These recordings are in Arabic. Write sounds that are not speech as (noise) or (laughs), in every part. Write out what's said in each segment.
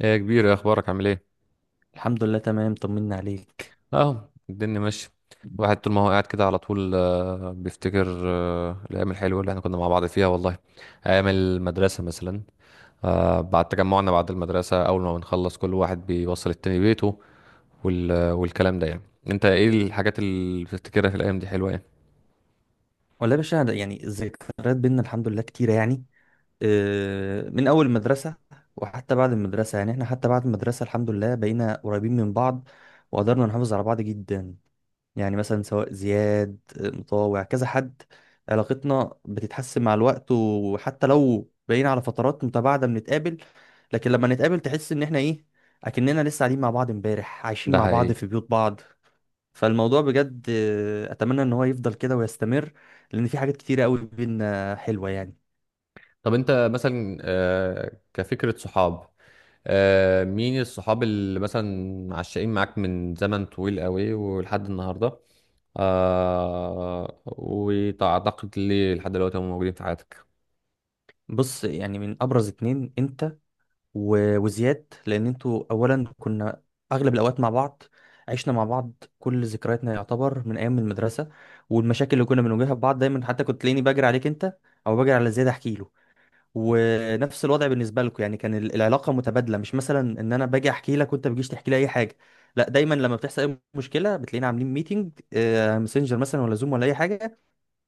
ايه يا كبير يا اخبارك عامل ايه؟ الحمد لله، تمام، طمنا عليك. اهو الدنيا ماشيه. الواحد طول ما هو قاعد كده على طول بيفتكر الايام الحلوه اللي احنا كنا مع بعض فيها والله، ايام المدرسه مثلا. بعد تجمعنا بعد المدرسه اول ما بنخلص كل واحد بيوصل التاني بيته والكلام ده يعني. انت ايه الحاجات اللي بتفتكرها في الايام دي حلوه يعني؟ والله يا باشا، يعني الذكريات بينا الحمد لله كتيرة يعني. من أول المدرسة وحتى بعد المدرسة. يعني احنا حتى بعد المدرسة الحمد لله بقينا قريبين من بعض، وقدرنا نحافظ على بعض جدا. يعني مثلا سواء زياد، مطاوع، كذا حد علاقتنا بتتحسن مع الوقت، وحتى لو بقينا على فترات متباعدة بنتقابل. لكن لما نتقابل تحس إن احنا إيه، أكننا لسه قاعدين مع بعض امبارح، عايشين ده مع بعض حقيقي. في بيوت بعض. فالموضوع بجد، اتمنى ان هو يفضل كده ويستمر، لان في حاجات كتيره قوي بينا حلوه يعني. طب انت مثلا، كفكره صحاب، مين الصحاب اللي مثلا عشقين معاك من زمن طويل قوي ولحد النهارده؟ وأعتقد لي لحد دلوقتي هم موجودين في حياتك. بص، يعني من ابرز اتنين انت و- وزياد، لان انتوا اولا كنا اغلب الاوقات مع بعض، عشنا مع بعض، كل ذكرياتنا يعتبر من ايام المدرسه والمشاكل اللي كنا بنواجهها في بعض. دايما حتى كنت تلاقيني بجري عليك انت او بجري على زياد احكي له، ونفس الوضع بالنسبه لكم. يعني كان العلاقه متبادله، مش مثلا ان انا باجي احكي لك وانت بتجيش تحكي لي اي حاجه. لا، دايما لما بتحصل اي مشكله بتلاقينا عاملين ميتنج، مسنجر مثلا ولا زوم ولا اي حاجه،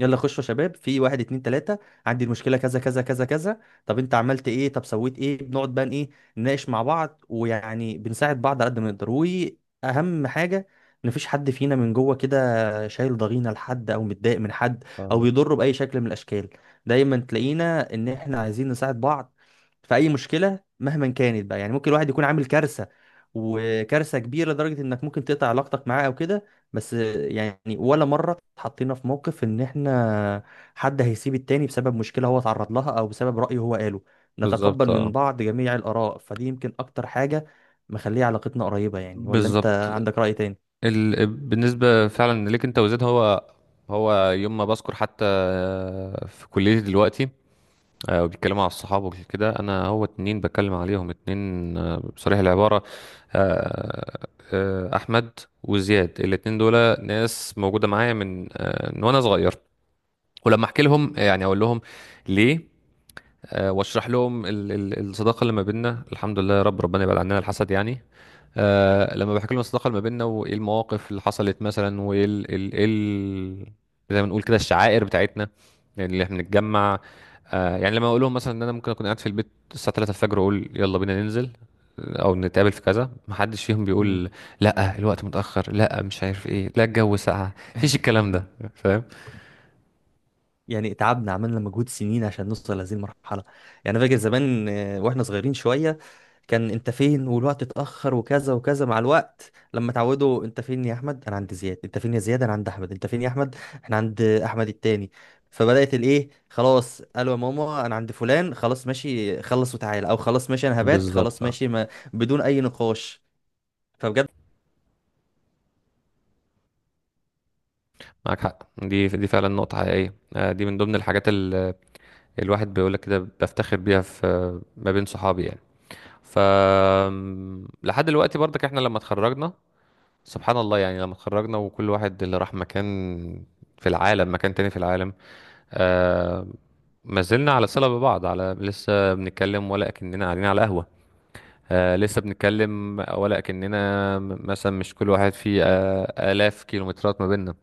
يلا خشوا يا شباب، في واحد اتنين تلاتة، عندي المشكلة كذا كذا كذا كذا، طب انت عملت ايه، طب سويت ايه، بنقعد بقى ايه، نناقش مع بعض. ويعني بنساعد بعض على قد ما نقدر، واهم حاجة ان مفيش حد فينا من جوه كده شايل ضغينة لحد او متضايق من حد او فاهم. بيضره بأي شكل من الاشكال. دايما تلاقينا ان احنا عايزين نساعد بعض في اي مشكلة مهما كانت بقى. يعني ممكن الواحد يكون عامل كارثة وكارثة كبيرة لدرجة انك ممكن تقطع علاقتك معاه او كده، بس يعني ولا مرة اتحطينا في موقف ان احنا حد هيسيب التاني بسبب مشكلة هو اتعرض لها او بسبب رأي هو قاله. نتقبل بالظبط، من اه. بعض جميع الآراء، فدي يمكن اكتر حاجة مخليه علاقتنا قريبة يعني. ولا انت بالظبط. عندك رأي تاني؟ بالنسبة فعلا ليك انت وزيد، هو هو يوم ما بذكر حتى في كليتي دلوقتي، وبيتكلموا على الصحاب وكده، انا هو اتنين بتكلم عليهم اتنين، بصريح العبارة، آه، احمد وزياد الاتنين دول ناس موجودة معايا من، من وانا صغير. ولما احكي لهم يعني اقول لهم ليه، واشرح لهم الصداقه اللي ما بيننا الحمد لله، يا رب ربنا يبعد عننا الحسد يعني. لما بحكي لهم الصداقه اللي ما بيننا وايه المواقف اللي حصلت مثلا، وايه ال ال إيه ال، زي ما نقول كده الشعائر بتاعتنا، يعني اللي احنا بنتجمع. يعني لما اقول لهم مثلا ان انا ممكن اكون قاعد في البيت الساعه 3 الفجر، واقول يلا بينا ننزل او نتقابل في كذا، محدش فيهم مم. بيقول لا الوقت متاخر، لا مش عارف ايه، لا الجو ساقع. مفيش الكلام ده. (laughs) فاهم. يعني تعبنا، عملنا مجهود سنين عشان نوصل لهذه المرحلة. يعني أنا فاكر زمان، واحنا صغيرين شوية، كان انت فين والوقت اتأخر وكذا وكذا. مع الوقت لما تعودوا، انت فين يا احمد؟ انا عند زياد. انت فين يا زياد؟ انا عند احمد. انت فين يا احمد؟ احنا عند احمد التاني. فبدأت الايه خلاص، قالوا يا ماما انا عند فلان، خلاص ماشي، خلص وتعالى، او خلاص ماشي انا هبات، بالظبط، خلاص اه. ماشي ما، بدون اي نقاش. فبجد، معاك حق، دي دي فعلا نقطة حقيقية. دي من ضمن الحاجات اللي الواحد بيقول لك كده بفتخر بيها في ما بين صحابي يعني. ف لحد دلوقتي برضك احنا لما اتخرجنا، سبحان الله يعني لما اتخرجنا وكل واحد اللي راح مكان في العالم، مكان تاني في العالم، آه، ما زلنا على صلة ببعض، على لسه بنتكلم ولا كأننا قاعدين على قهوة. لسه بنتكلم ولا كأننا مثلا مش كل واحد فيه آلاف كيلومترات ما بيننا.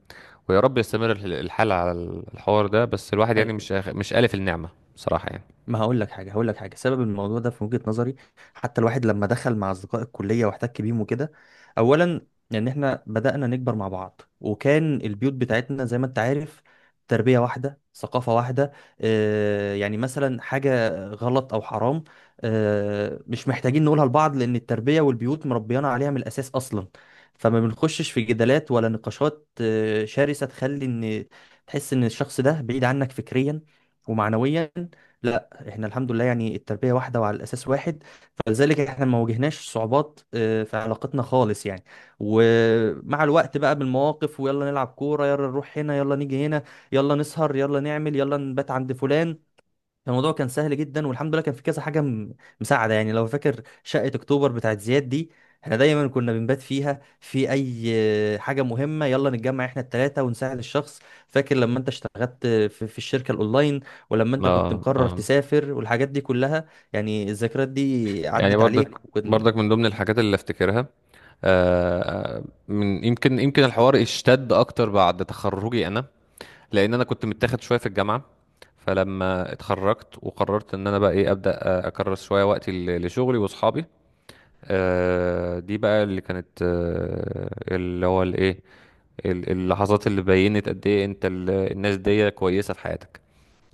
ويا رب يستمر الحال على الحوار ده، بس الواحد يعني مش أيوة. مش آلف النعمة بصراحة يعني. ما هقول لك حاجه، هقول لك حاجه، سبب الموضوع ده في وجهه نظري حتى الواحد لما دخل مع اصدقاء الكليه واحتك بيهم وكده، اولا ان احنا بدانا نكبر مع بعض، وكان البيوت بتاعتنا زي ما انت عارف، تربيه واحده، ثقافه واحده. آه، يعني مثلا حاجه غلط او حرام، آه، مش محتاجين نقولها لبعض، لان التربيه والبيوت مربيانا عليها من الاساس اصلا. فما بنخشش في جدالات ولا نقاشات شرسه تخلي ان تحس ان الشخص ده بعيد عنك فكريا ومعنويا. احنا الحمد لله يعني التربية واحدة وعلى الأساس واحد، فلذلك احنا ما واجهناش صعوبات في علاقتنا خالص يعني. ومع الوقت بقى بالمواقف، ويلا نلعب كورة، يلا نروح هنا، يلا نيجي هنا، يلا نسهر، يلا نعمل، يلا نبات عند فلان، الموضوع كان سهل جدا. والحمد لله كان في كذا حاجه مساعده يعني. لو فاكر شقه اكتوبر بتاعت زياد دي، احنا دايما كنا بنبات فيها في اي حاجه مهمه، يلا نتجمع احنا التلاته ونساعد الشخص. فاكر لما انت اشتغلت في الشركه الاونلاين، ولما انت كنت اه مقرر اه. تسافر والحاجات دي كلها، يعني الذكريات دي يعني عدت برضك عليك وكنت. برضك من ضمن الحاجات اللي افتكرها. آه، من يمكن الحوار اشتد اكتر بعد تخرجي انا، لان انا كنت متاخد شويه في الجامعه. فلما اتخرجت وقررت ان انا بقى ايه، ابدا اكرس شويه وقتي لشغلي واصحابي. دي بقى اللي كانت، اللي هو الايه، اللحظات اللي بينت قد ايه انت الناس دي كويسه في حياتك.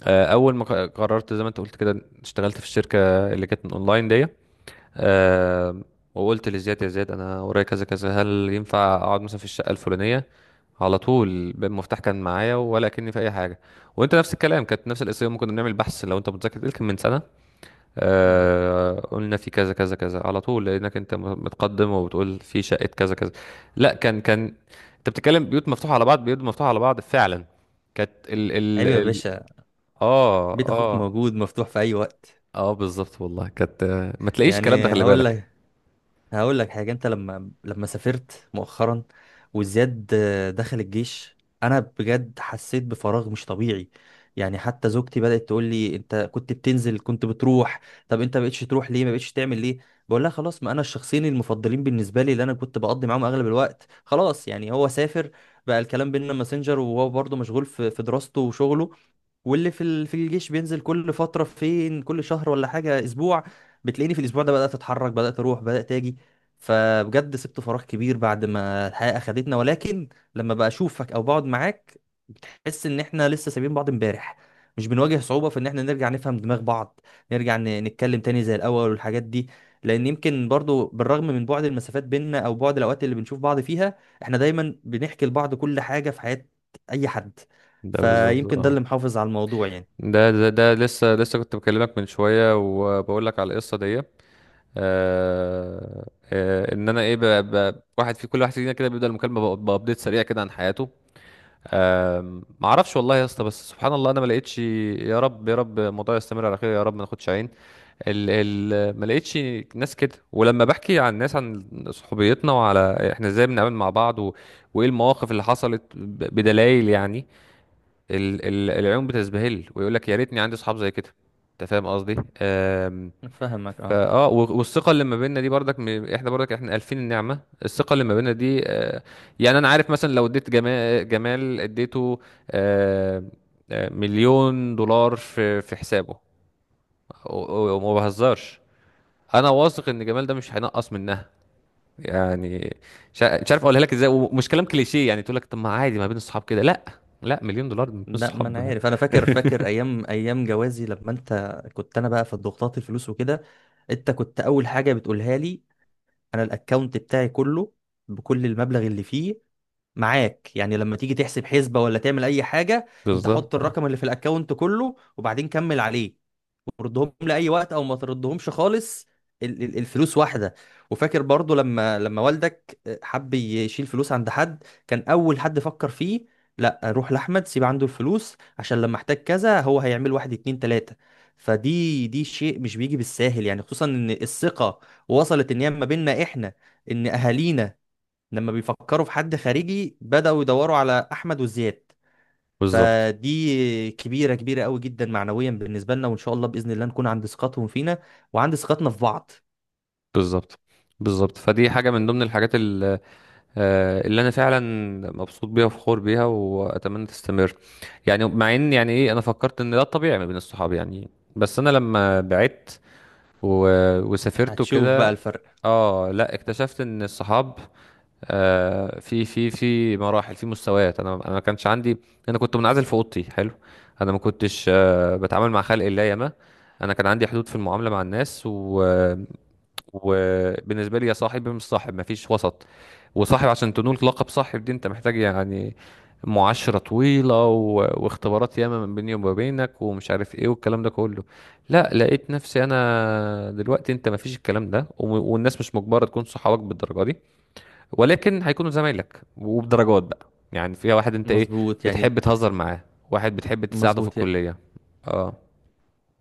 اول ما قررت زي ما انت قلت كده، اشتغلت في الشركه اللي كانت من اونلاين دي، آه، وقلت لزياد يا زياد انا ورايا كذا كذا، هل ينفع اقعد مثلا في الشقه الفلانيه؟ على طول المفتاح كان معايا ولا كأني في اي حاجه. وانت نفس الكلام، كانت نفس القصه يوم ما كنا بنعمل بحث لو انت متذكر يمكن من سنه. آه قلنا في كذا كذا كذا على طول، لانك انت متقدم وبتقول في شقه كذا كذا. لا، كان انت بتتكلم، بيوت مفتوحه على بعض، بيوت مفتوحه على بعض فعلا. كانت ال ال عيب يا ال باشا، اه بيت اخوك اه. موجود مفتوح في اي وقت. اه بالظبط والله كانت. ما تلاقيش الكلام ده، يعني خلي هقول بالك. لك، هقول لك حاجة، انت لما سافرت مؤخرا وزياد، دخل الجيش، انا بجد حسيت بفراغ مش طبيعي. يعني حتى زوجتي بدأت تقول لي انت كنت بتنزل، كنت بتروح، طب انت ما بقتش تروح ليه؟ ما بقتش تعمل ليه؟ بقول لها خلاص، ما انا الشخصين المفضلين بالنسبة لي اللي انا كنت بقضي معاهم اغلب الوقت خلاص يعني، هو سافر، بقى الكلام بيننا ماسنجر، وهو برضه مشغول في دراسته وشغله، واللي في في الجيش بينزل كل فتره، فين كل شهر ولا حاجه، اسبوع بتلاقيني في الاسبوع ده بدات اتحرك، بدات اروح، بدات اجي. فبجد سبت فراغ كبير بعد ما الحياه اخدتنا، ولكن لما بشوفك او بقعد معاك احس ان احنا لسه سايبين بعض امبارح، مش بنواجه صعوبه في ان احنا نرجع نفهم دماغ بعض، نرجع نتكلم تاني زي الاول والحاجات دي. لان يمكن برضو بالرغم من بعد المسافات بيننا او بعد الاوقات اللي بنشوف بعض فيها، احنا دايما بنحكي لبعض كل حاجه في حياه اي حد، ده بالظبط، فيمكن ده اه. اللي محافظ على الموضوع يعني. ده لسه كنت بكلمك من شويه، وبقول لك على القصه دي. آه آه. ان انا ايه، واحد في كل واحد فينا كده بيبدا المكالمه بابديت سريع كده عن حياته. ما اعرفش والله يا اسطى، بس سبحان الله انا ما لقيتش، يا رب يا رب الموضوع يستمر على خير، يا رب ما ناخدش عين. ال ال ما لقيتش ناس كده. ولما بحكي عن الناس، عن صحوبيتنا، وعلى احنا ازاي بنتعامل مع بعض و... وايه المواقف اللي حصلت بدلائل يعني، ال ال العيون بتزبهل ويقول لك يا ريتني عندي اصحاب زي كده. انت فاهم قصدي. أم، فاهمك، اه. فاه. والثقه اللي ما بيننا دي برضك، احنا برضك احنا الفين النعمه. الثقه اللي ما بيننا دي، يعني انا عارف مثلا لو اديت جمال، جمال اديته, آه، مليون دولار في في حسابه وما بهزرش، انا واثق ان جمال ده مش هينقص منها يعني. مش مش عارف اقولها لك ازاي، ومش كلام كليشيه يعني تقول لك طب ما عادي ما بين الصحاب كده. لا، لا، مليون دولار مش لا، ما انا صحاب. عارف، انا فاكر، (laughs) فاكر ايام جوازي، لما انت كنت، انا بقى في ضغوطات الفلوس وكده، انت كنت اول حاجه بتقولها لي انا الاكونت بتاعي كله، بكل المبلغ اللي فيه، معاك. يعني لما تيجي تحسب حسبه ولا تعمل اي حاجه، انت حط بالظبط، اه. الرقم اللي في الاكونت كله وبعدين كمل عليه، ردهم لاي وقت او ما تردهمش خالص، الفلوس واحده. وفاكر برضو لما والدك حب يشيل فلوس عند حد، كان اول حد فكر فيه، لا روح لاحمد سيب عنده الفلوس، عشان لما احتاج كذا هو هيعمل واحد اتنين تلاته. فدي، دي شيء مش بيجي بالساهل يعني، خصوصا ان الثقه وصلت ان هي ما بيننا احنا ان اهالينا لما بيفكروا في حد خارجي بداوا يدوروا على احمد وزياد. بالظبط فدي كبيرة، كبيرة قوي جدا معنويا بالنسبة لنا، وإن شاء الله بإذن الله نكون عند ثقتهم فينا وعند ثقتنا في بعض. بالظبط بالظبط فدي حاجه من ضمن الحاجات اللي انا فعلا مبسوط بيها وفخور بيها واتمنى تستمر. يعني مع ان يعني ايه، انا فكرت ان ده الطبيعي ما بين الصحاب يعني. بس انا لما بعدت و... وسافرت هتشوف بقى وكده، الفرق. اه لا اكتشفت ان الصحاب في في في مراحل، في مستويات. انا ما كانش عندي، انا كنت منعزل في اوضتي حلو. انا ما كنتش بتعامل مع خلق الله ياما. انا كان عندي حدود في المعامله مع الناس، و وبالنسبه لي يا صاحب يا مش صاحب، مفيش وسط. وصاحب عشان تنول لقب صاحب دي، انت محتاج يعني معاشرة طويلة و... واختبارات ياما من بيني وما بينك ومش عارف ايه والكلام ده كله. لا لقيت نفسي انا دلوقتي، انت مفيش الكلام ده و... والناس مش مجبرة تكون صحابك بالدرجة دي، ولكن هيكونوا زمايلك وبدرجات بقى يعني، فيها واحد انت ايه مظبوط يعني. بتحب تهزر معاه، واحد بتحب تساعده في مظبوط الكلية. اه.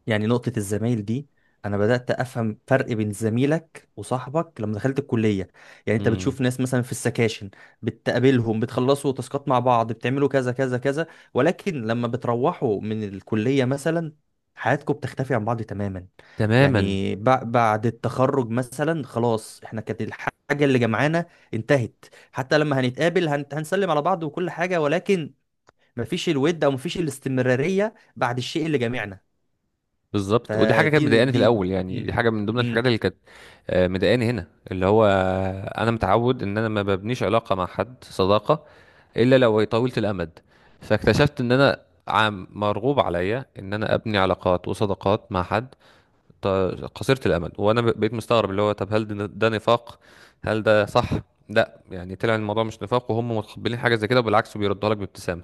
يعني. نقطة الزمايل دي، أنا بدأت أفهم فرق بين زميلك وصاحبك لما دخلت الكلية. يعني أنت امم. بتشوف ناس مثلا في السكاشن، بتقابلهم، بتخلصوا تاسكات مع بعض، بتعملوا كذا كذا كذا، ولكن لما بتروحوا من الكلية مثلا حياتكم بتختفي عن بعض تماما. تماما. يعني بعد التخرج مثلا خلاص، احنا كانت الحاجة اللي جمعانا انتهت. حتى لما هنتقابل هنسلم على بعض وكل حاجة، ولكن مفيش الود أو مفيش الاستمرارية بعد الشيء اللي جمعنا. بالظبط. ودي حاجه كانت فدي مضايقاني في دي الاول يعني، مم. دي حاجه من ضمن مم. الحاجات اللي كانت مضايقاني هنا، اللي هو انا متعود ان انا ما ببنيش علاقه مع حد صداقه الا لو هي طويله الامد. فاكتشفت ان انا عم مرغوب عليا ان انا ابني علاقات وصداقات مع حد ط- قصيره الامد. وانا بقيت مستغرب، اللي هو طب هل ده، نفاق؟ هل ده صح؟ لا يعني طلع الموضوع مش نفاق، وهم متقبلين حاجه زي كده وبالعكس بيردها لك بابتسامه.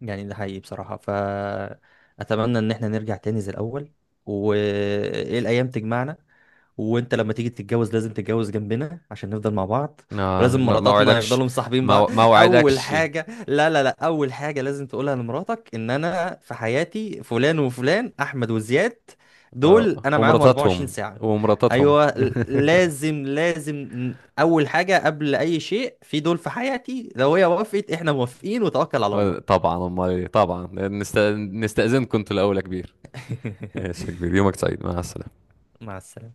يعني ده حقيقي بصراحة. فأتمنى إن احنا نرجع تاني زي الأول، وإيه الأيام تجمعنا، وانت لما تيجي تتجوز لازم تتجوز جنبنا عشان نفضل مع بعض، ما ولازم ما ما مراتاتنا وعدكش. يفضلوا مصاحبين بعض. ما اول وعدكش. حاجه، لا لا لا، اول حاجه لازم تقولها لمراتك ان انا في حياتي فلان وفلان، احمد وزياد، دول انا معاهم 24 ومراتاتهم. ساعه. ومراتاتهم. ايوه، لازم لازم اول حاجه قبل اي شيء في دول في حياتي. لو هي وافقت احنا موافقين، وتوكل على الله. طبعا، امال إيه؟ طبعا نستأذنكم انتوا الاول يا كبير. ماشي يا (laughs) كبير، يومك سعيد، مع السلامه. مع السلامه.